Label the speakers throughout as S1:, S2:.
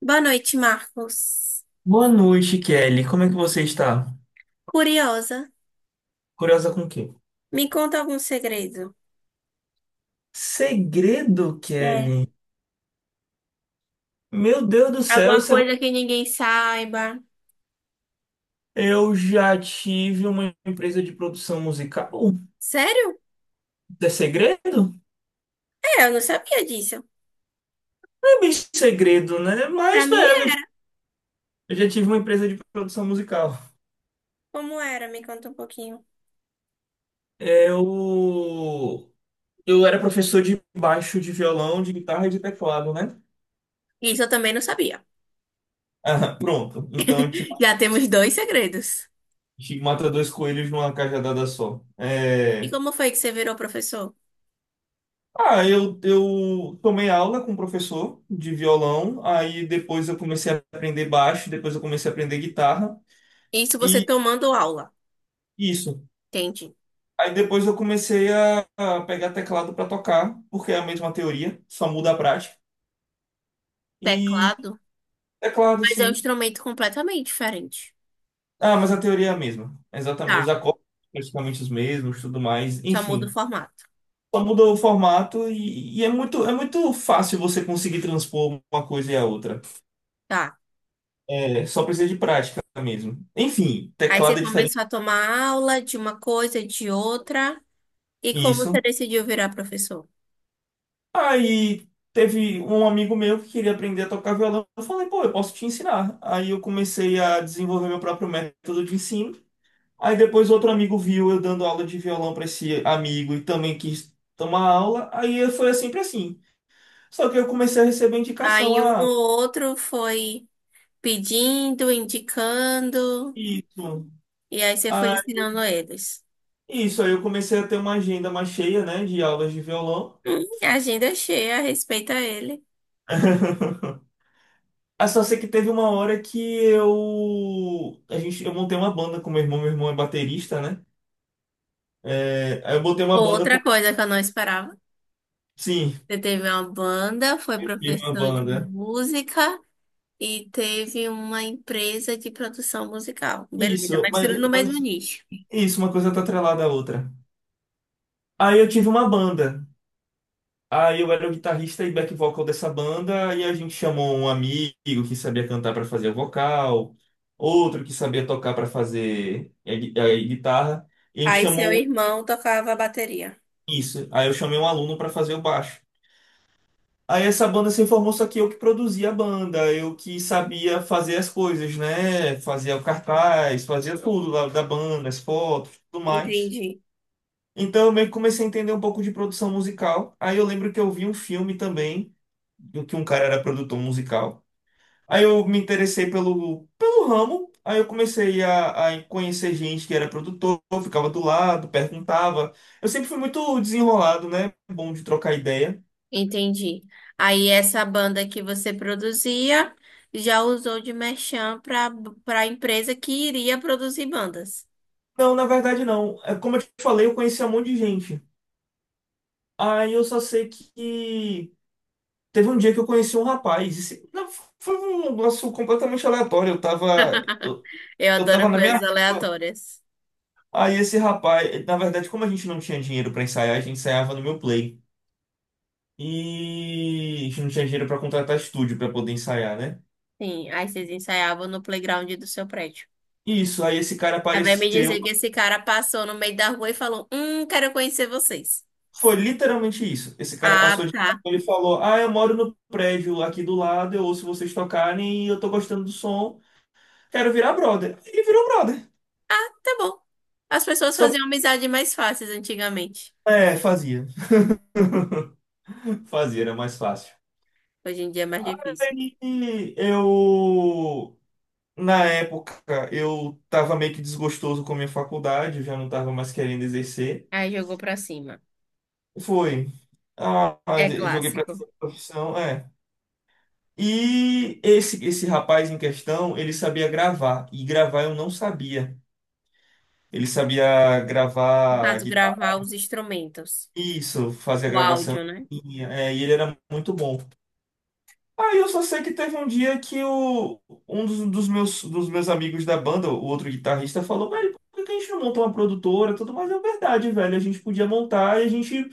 S1: Boa noite, Marcos.
S2: Boa noite, Kelly. Como é que você está?
S1: Curiosa,
S2: Curiosa com o quê?
S1: me conta algum segredo.
S2: Segredo,
S1: É.
S2: Kelly? Meu Deus do céu,
S1: Alguma
S2: isso é...
S1: coisa que ninguém saiba.
S2: Eu já tive uma empresa de produção musical.
S1: Sério?
S2: É segredo?
S1: É, eu não sabia disso.
S2: Não é bem segredo, né?
S1: Pra
S2: Mas,
S1: mim
S2: velho, eu
S1: é.
S2: já eu já tive uma empresa de produção musical.
S1: Como era? Me conta um pouquinho.
S2: Eu... Eu era professor de baixo, de violão, de guitarra e de teclado, né?
S1: Isso eu também não sabia.
S2: Ah, pronto. Então, a gente
S1: Já temos dois segredos.
S2: a gente mata dois coelhos numa cajadada só.
S1: E
S2: É...
S1: como foi que você virou professor?
S2: Ah, eu tomei aula com um professor de violão, aí depois eu comecei a aprender baixo, depois eu comecei a aprender guitarra,
S1: Isso você
S2: e
S1: tomando aula.
S2: isso.
S1: Entende?
S2: Aí depois eu comecei a pegar teclado para tocar, porque é a mesma teoria, só muda a prática. E
S1: Teclado.
S2: teclado,
S1: Mas é um
S2: sim.
S1: instrumento completamente diferente.
S2: Ah, mas a teoria é a mesma. É exatamente, os
S1: Tá.
S2: acordes são praticamente os mesmos, tudo mais,
S1: Só muda o
S2: enfim.
S1: formato.
S2: Só muda o formato e é muito fácil você conseguir transpor uma coisa e a outra.
S1: Tá.
S2: É, só precisa de prática mesmo. Enfim,
S1: Aí você
S2: teclado é diferente.
S1: começou a tomar aula de uma coisa, de outra. E como você
S2: Isso.
S1: decidiu virar professor?
S2: Aí teve um amigo meu que queria aprender a tocar violão. Eu falei, pô, eu posso te ensinar. Aí eu comecei a desenvolver meu próprio método de ensino. Aí depois outro amigo viu eu dando aula de violão para esse amigo e também quis tomar aula. Aí foi sempre assim. Só que eu comecei a receber indicação,
S1: Aí um
S2: ah,
S1: ou outro foi pedindo, indicando,
S2: isso,
S1: e aí você foi
S2: ah,
S1: ensinando eles.
S2: isso. Aí eu comecei a ter uma agenda mais cheia, né, de aulas de violão.
S1: Agenda é cheia, respeita ele.
S2: Ah, só sei que teve uma hora que eu. A gente, eu montei uma banda com meu irmão é baterista, né? É, aí eu botei uma banda com.
S1: Outra coisa que eu não esperava.
S2: Sim,
S1: Você teve uma banda, foi
S2: eu tive uma
S1: professor de
S2: banda.
S1: música e teve uma empresa de produção musical. Beleza,
S2: Isso,
S1: mas
S2: mas,
S1: tudo no mesmo
S2: mas
S1: nicho.
S2: isso, uma coisa tá atrelada à outra. Aí eu tive uma banda. Aí eu era o guitarrista e back vocal dessa banda, e a gente chamou um amigo que sabia cantar para fazer o vocal, outro que sabia tocar para fazer a guitarra, e a gente
S1: Aí seu
S2: chamou
S1: irmão tocava bateria.
S2: isso. Aí eu chamei um aluno para fazer o baixo. Aí essa banda se formou, só que eu que produzia a banda, eu que sabia fazer as coisas, né? Fazia o cartaz, fazia tudo lá da banda, as fotos, tudo mais.
S1: Entendi.
S2: Então eu meio que comecei a entender um pouco de produção musical. Aí eu lembro que eu vi um filme também, do que um cara era produtor musical. Aí eu me interessei pelo ramo, aí eu comecei a conhecer gente que era produtor, ficava do lado, perguntava. Eu sempre fui muito desenrolado, né? Bom de trocar ideia.
S1: Entendi. Aí essa banda que você produzia já usou de merchan para a empresa que iria produzir bandas.
S2: Não, na verdade não. É, como eu te falei, eu conhecia um monte de gente. Aí eu só sei que teve um dia que eu conheci um rapaz. Esse- não, foi um negócio completamente aleatório.
S1: Eu
S2: Eu tava
S1: adoro
S2: na minha
S1: coisas
S2: rua.
S1: aleatórias.
S2: Aí esse rapaz, na verdade, como a gente não tinha dinheiro pra ensaiar, a gente ensaiava no meu play. E a gente não tinha dinheiro pra contratar estúdio pra poder ensaiar, né?
S1: Sim, aí vocês ensaiavam no playground do seu prédio.
S2: Isso, aí esse cara
S1: Aí vai me
S2: apareceu.
S1: dizer que esse cara passou no meio da rua e falou: quero conhecer vocês.
S2: Foi literalmente isso. Esse cara
S1: Ah,
S2: passou de
S1: tá.
S2: carro, ele falou: "Ah, eu moro no prédio aqui do lado, eu ouço vocês tocarem e eu tô gostando do som, quero virar brother". Ele virou brother.
S1: Tá bom. As pessoas
S2: Só
S1: faziam amizade mais fáceis antigamente.
S2: é, fazia. Fazia, era mais fácil.
S1: Hoje em dia é mais difícil.
S2: Aí eu na época eu tava meio que desgostoso com a minha faculdade, eu já não tava mais querendo exercer.
S1: Aí jogou pra cima.
S2: Foi. Ah,
S1: É
S2: mas eu joguei pra
S1: clássico.
S2: essa profissão, é. E esse rapaz em questão, ele sabia gravar. E gravar eu não sabia. Ele sabia
S1: No
S2: gravar
S1: caso,
S2: guitarra,
S1: gravar os instrumentos.
S2: isso, fazer a
S1: O
S2: gravação.
S1: áudio, né?
S2: É, e ele era muito bom. Aí eu só sei que teve um dia que o, um dos meus, dos meus amigos da banda, o outro guitarrista, falou, velho, por que a gente não montou uma produtora? E tudo mais é verdade, velho. A gente podia montar e a gente.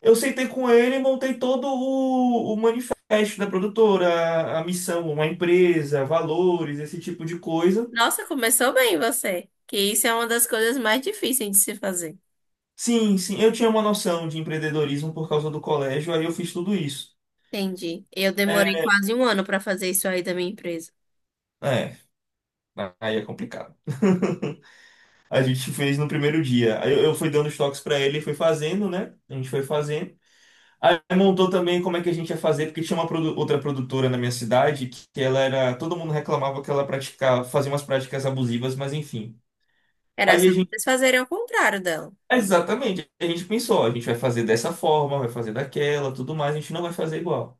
S2: Eu sentei com ele e montei todo o manifesto da produtora, a missão, uma empresa, valores, esse tipo de coisa.
S1: Nossa, começou bem você. Que isso é uma das coisas mais difíceis de se fazer.
S2: Sim, sim, eu tinha uma noção de empreendedorismo por causa do colégio, aí eu fiz tudo isso.
S1: Entendi. Eu demorei
S2: É,
S1: quase um ano para fazer isso aí da minha empresa.
S2: é, aí é complicado. A gente fez no primeiro dia. Aí Eu fui dando os toques pra ele, foi fazendo, né? A gente foi fazendo. Aí montou também como é que a gente ia fazer, porque tinha uma outra produtora na minha cidade que ela era, todo mundo reclamava que ela praticava, fazia umas práticas abusivas, mas enfim.
S1: Era
S2: Aí
S1: só
S2: a
S1: vocês fazerem ao contrário dela.
S2: exatamente. A gente pensou, a gente vai fazer dessa forma, vai fazer daquela, tudo mais, a gente não vai fazer igual.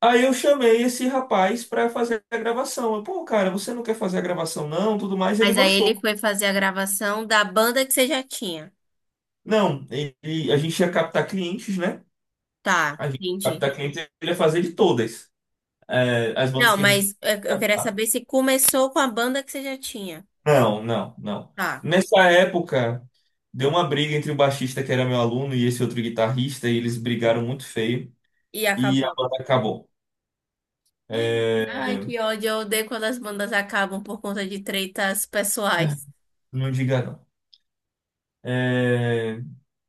S2: Aí eu chamei esse rapaz pra fazer a gravação. Eu, pô, cara, você não quer fazer a gravação não, tudo mais, ele
S1: Mas aí ele
S2: gostou.
S1: foi fazer a gravação da banda que você já tinha.
S2: Não, ele- a gente ia captar clientes, né?
S1: Tá,
S2: A gente ia
S1: entendi.
S2: captar clientes, ele ia fazer de todas, é, as bandas
S1: Não,
S2: que a gente
S1: mas eu queria
S2: captar.
S1: saber se começou com a banda que você já tinha.
S2: Não, não, não.
S1: Tá.
S2: Nessa época, deu uma briga entre o baixista que era meu aluno e esse outro guitarrista, e eles brigaram muito feio,
S1: E
S2: e a
S1: acabou.
S2: banda acabou. É.
S1: Ai, que ódio. Eu odeio quando as bandas acabam por conta de tretas pessoais.
S2: Não diga não. É,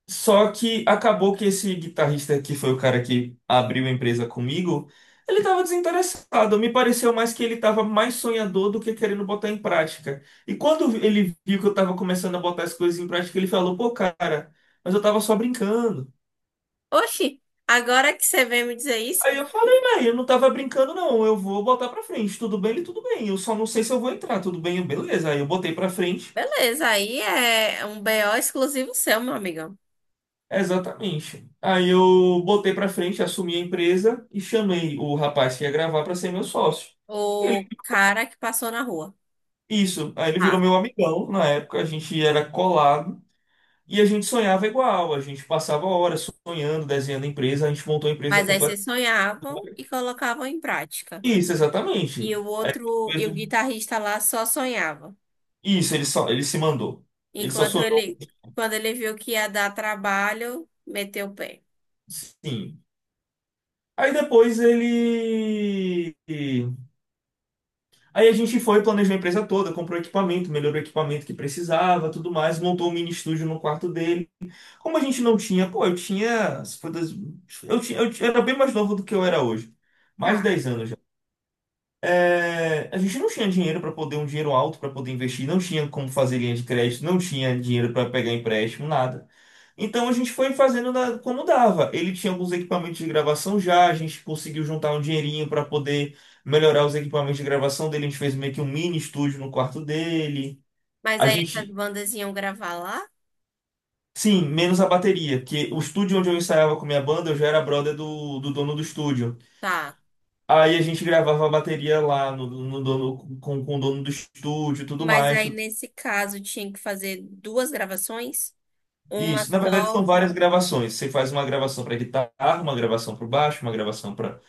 S2: só que acabou que esse guitarrista que foi o cara que abriu a empresa comigo, ele estava desinteressado. Me pareceu mais que ele estava mais sonhador do que querendo botar em prática. E quando ele viu que eu estava começando a botar as coisas em prática, ele falou: "Pô, cara, mas eu estava só brincando".
S1: Oxi, agora que você vem me dizer isso?
S2: Aí eu falei: "Véi, eu não estava brincando não. Eu vou botar para frente. Tudo bem, ele tudo bem. Eu só não sei se eu vou entrar. Tudo bem, eu, beleza". Aí eu botei para frente.
S1: Beleza, aí é um BO exclusivo seu, meu amigo.
S2: Exatamente. Aí eu botei pra frente, assumi a empresa e chamei o rapaz que ia gravar pra ser meu sócio.
S1: O
S2: Ele-
S1: cara que passou na rua.
S2: isso. Aí ele virou
S1: Ah,
S2: meu amigão. Na época a gente era colado e a gente sonhava igual. A gente passava horas sonhando, desenhando a empresa. A gente montou a empresa
S1: mas aí
S2: completa.
S1: vocês sonhavam e colocavam em prática.
S2: Isso,
S1: E
S2: exatamente.
S1: o
S2: Aí,
S1: outro, e o guitarrista lá só sonhava.
S2: isso, ele só, ele se mandou. Ele só
S1: Enquanto
S2: sonhou.
S1: ele, quando ele viu que ia dar trabalho, meteu o pé.
S2: Sim. Aí depois ele. Aí a gente foi, planejou a empresa toda, comprou equipamento, melhorou o equipamento que precisava, tudo mais, montou um mini estúdio no quarto dele. Como a gente não tinha, pô, eu tinha, se for das- era bem mais novo do que eu era hoje, mais de
S1: Tá.
S2: 10 anos já. É, a gente não tinha dinheiro para poder, um dinheiro alto para poder investir, não tinha como fazer linha de crédito, não tinha dinheiro para pegar empréstimo, nada. Então a gente foi fazendo da- como dava. Ele tinha alguns equipamentos de gravação já, a gente conseguiu juntar um dinheirinho para poder melhorar os equipamentos de gravação dele. A gente fez meio que um mini estúdio no quarto dele.
S1: Mas
S2: A
S1: aí essas
S2: gente,
S1: bandas iam gravar lá?
S2: sim, menos a bateria, porque o estúdio onde eu ensaiava com minha banda, eu já era brother do dono do estúdio.
S1: Tá.
S2: Aí a gente gravava a bateria lá no, no dono, com o dono do estúdio, e tudo
S1: Mas
S2: mais.
S1: aí
S2: Tudo-
S1: nesse caso tinha que fazer duas gravações, uma
S2: isso, na verdade são
S1: só,
S2: várias gravações. Você faz uma gravação para guitarra, uma gravação para baixo, uma gravação para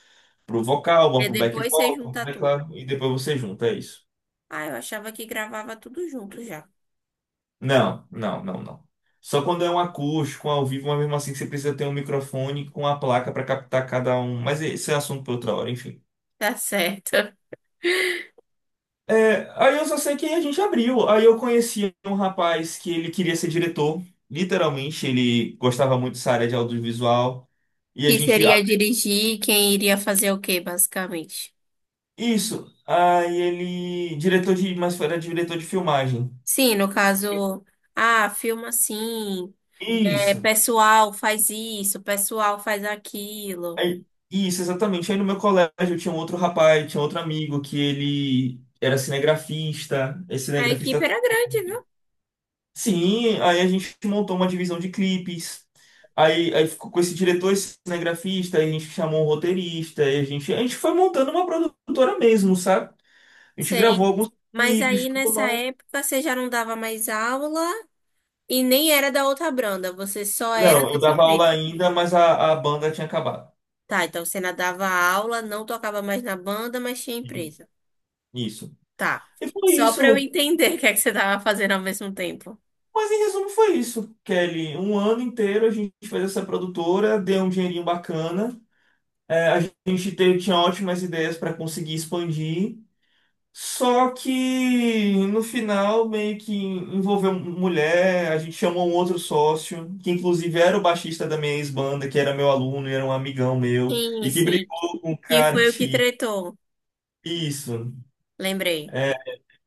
S2: pro vocal, uma
S1: e
S2: pro back
S1: depois você
S2: vocal, pro
S1: junta tudo.
S2: teclado, e depois você junta, é isso.
S1: Ah, eu achava que gravava tudo junto já.
S2: Não, não, não, não. Só quando é um acústico, ao vivo, mas mesmo assim que você precisa ter um microfone com a placa para captar cada um. Mas esse é assunto para outra hora, enfim.
S1: Tá certo.
S2: É, aí eu só sei que a gente abriu. Aí eu conheci um rapaz que ele queria ser diretor. Literalmente, ele gostava muito dessa área de audiovisual. E a
S1: Que
S2: gente. Ah,
S1: seria dirigir, quem iria fazer o quê, basicamente?
S2: isso. Aí ele. Diretor de. Mas era diretor de filmagem.
S1: Sim, no caso, ah, filma assim, é,
S2: Isso.
S1: pessoal faz isso, pessoal faz aquilo.
S2: Aí- isso, exatamente. Aí no meu colégio tinha um outro rapaz, tinha outro amigo que ele era cinegrafista, é
S1: A
S2: cinegrafista
S1: equipe
S2: até
S1: era grande, viu?
S2: hoje. Sim, aí a gente montou uma divisão de clipes. Aí ficou com esse diretor, esse cinegrafista, aí a gente chamou um roteirista, aí a gente foi montando uma produtora mesmo, sabe? A gente gravou
S1: Sei.
S2: alguns
S1: Mas
S2: clipes,
S1: aí
S2: tudo
S1: nessa
S2: mais.
S1: época você já não dava mais aula e nem era da outra banda, você só era
S2: Não, eu
S1: dessa
S2: dava aula
S1: empresa.
S2: ainda, mas a banda tinha acabado.
S1: Tá, então você não dava aula, não tocava mais na banda, mas tinha empresa.
S2: Isso.
S1: Tá.
S2: E foi
S1: Só pra eu
S2: isso.
S1: entender o que é que você tava fazendo ao mesmo tempo.
S2: Mas em resumo foi isso, Kelly. Um ano inteiro a gente fez essa produtora, deu um dinheirinho bacana. É, a gente tinha ótimas ideias para conseguir expandir. Só que no final meio que envolveu mulher, a gente chamou um outro sócio, que inclusive era o baixista da minha ex-banda, que era meu aluno e era um amigão meu,
S1: Sim,
S2: e que
S1: sim.
S2: brigou com o
S1: Que
S2: cara
S1: foi o que
S2: que.
S1: tretou.
S2: Isso.
S1: Lembrei.
S2: É,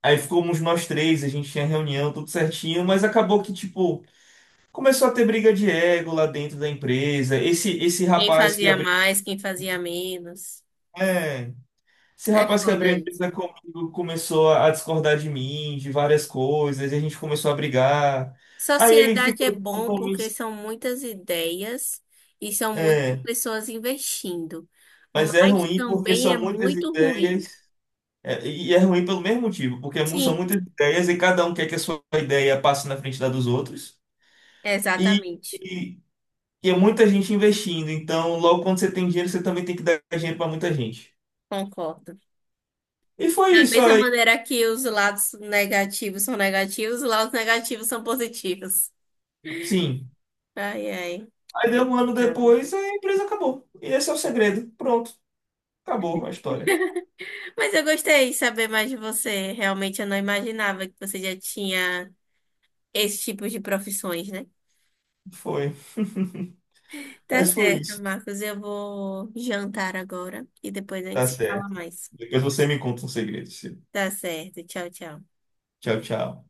S2: aí ficamos nós três, a gente tinha reunião, tudo certinho, mas acabou que, tipo. Começou a ter briga de ego lá dentro da empresa. Esse
S1: Quem
S2: rapaz que
S1: fazia
S2: abriu.
S1: mais, quem fazia menos.
S2: É, esse
S1: É
S2: rapaz que abriu
S1: foda
S2: a
S1: isso.
S2: empresa comigo começou a discordar de mim, de várias coisas, e a gente começou a brigar. Aí ele
S1: Sociedade é
S2: ficou de
S1: bom porque
S2: compromisso.
S1: são muitas ideias e são muitas
S2: É,
S1: pessoas investindo.
S2: mas é
S1: Mas
S2: ruim porque
S1: também é
S2: são muitas
S1: muito ruim.
S2: ideias. É, e é ruim pelo mesmo motivo, porque são
S1: Sim,
S2: muitas ideias e cada um quer que a sua ideia passe na frente da dos outros. E,
S1: exatamente.
S2: e, e é muita gente investindo. Então, logo quando você tem dinheiro, você também tem que dar dinheiro para muita gente.
S1: Concordo.
S2: E foi
S1: Da
S2: isso
S1: mesma
S2: aí.
S1: maneira que os lados negativos são negativos, os lados negativos são positivos.
S2: Sim.
S1: Ai, ai.
S2: Aí deu um ano depois, a empresa acabou. E esse é o segredo. Pronto, acabou a história.
S1: Mas eu gostei de saber mais de você. Realmente eu não imaginava que você já tinha esse tipo de profissões, né?
S2: Foi.
S1: Tá
S2: Mas foi
S1: certo,
S2: isso.
S1: Marcos. Eu vou jantar agora e depois a gente
S2: Tá
S1: se fala
S2: certo.
S1: mais.
S2: Depois você me conta um segredo. Ciro.
S1: Tá certo. Tchau, tchau.
S2: Tchau, tchau.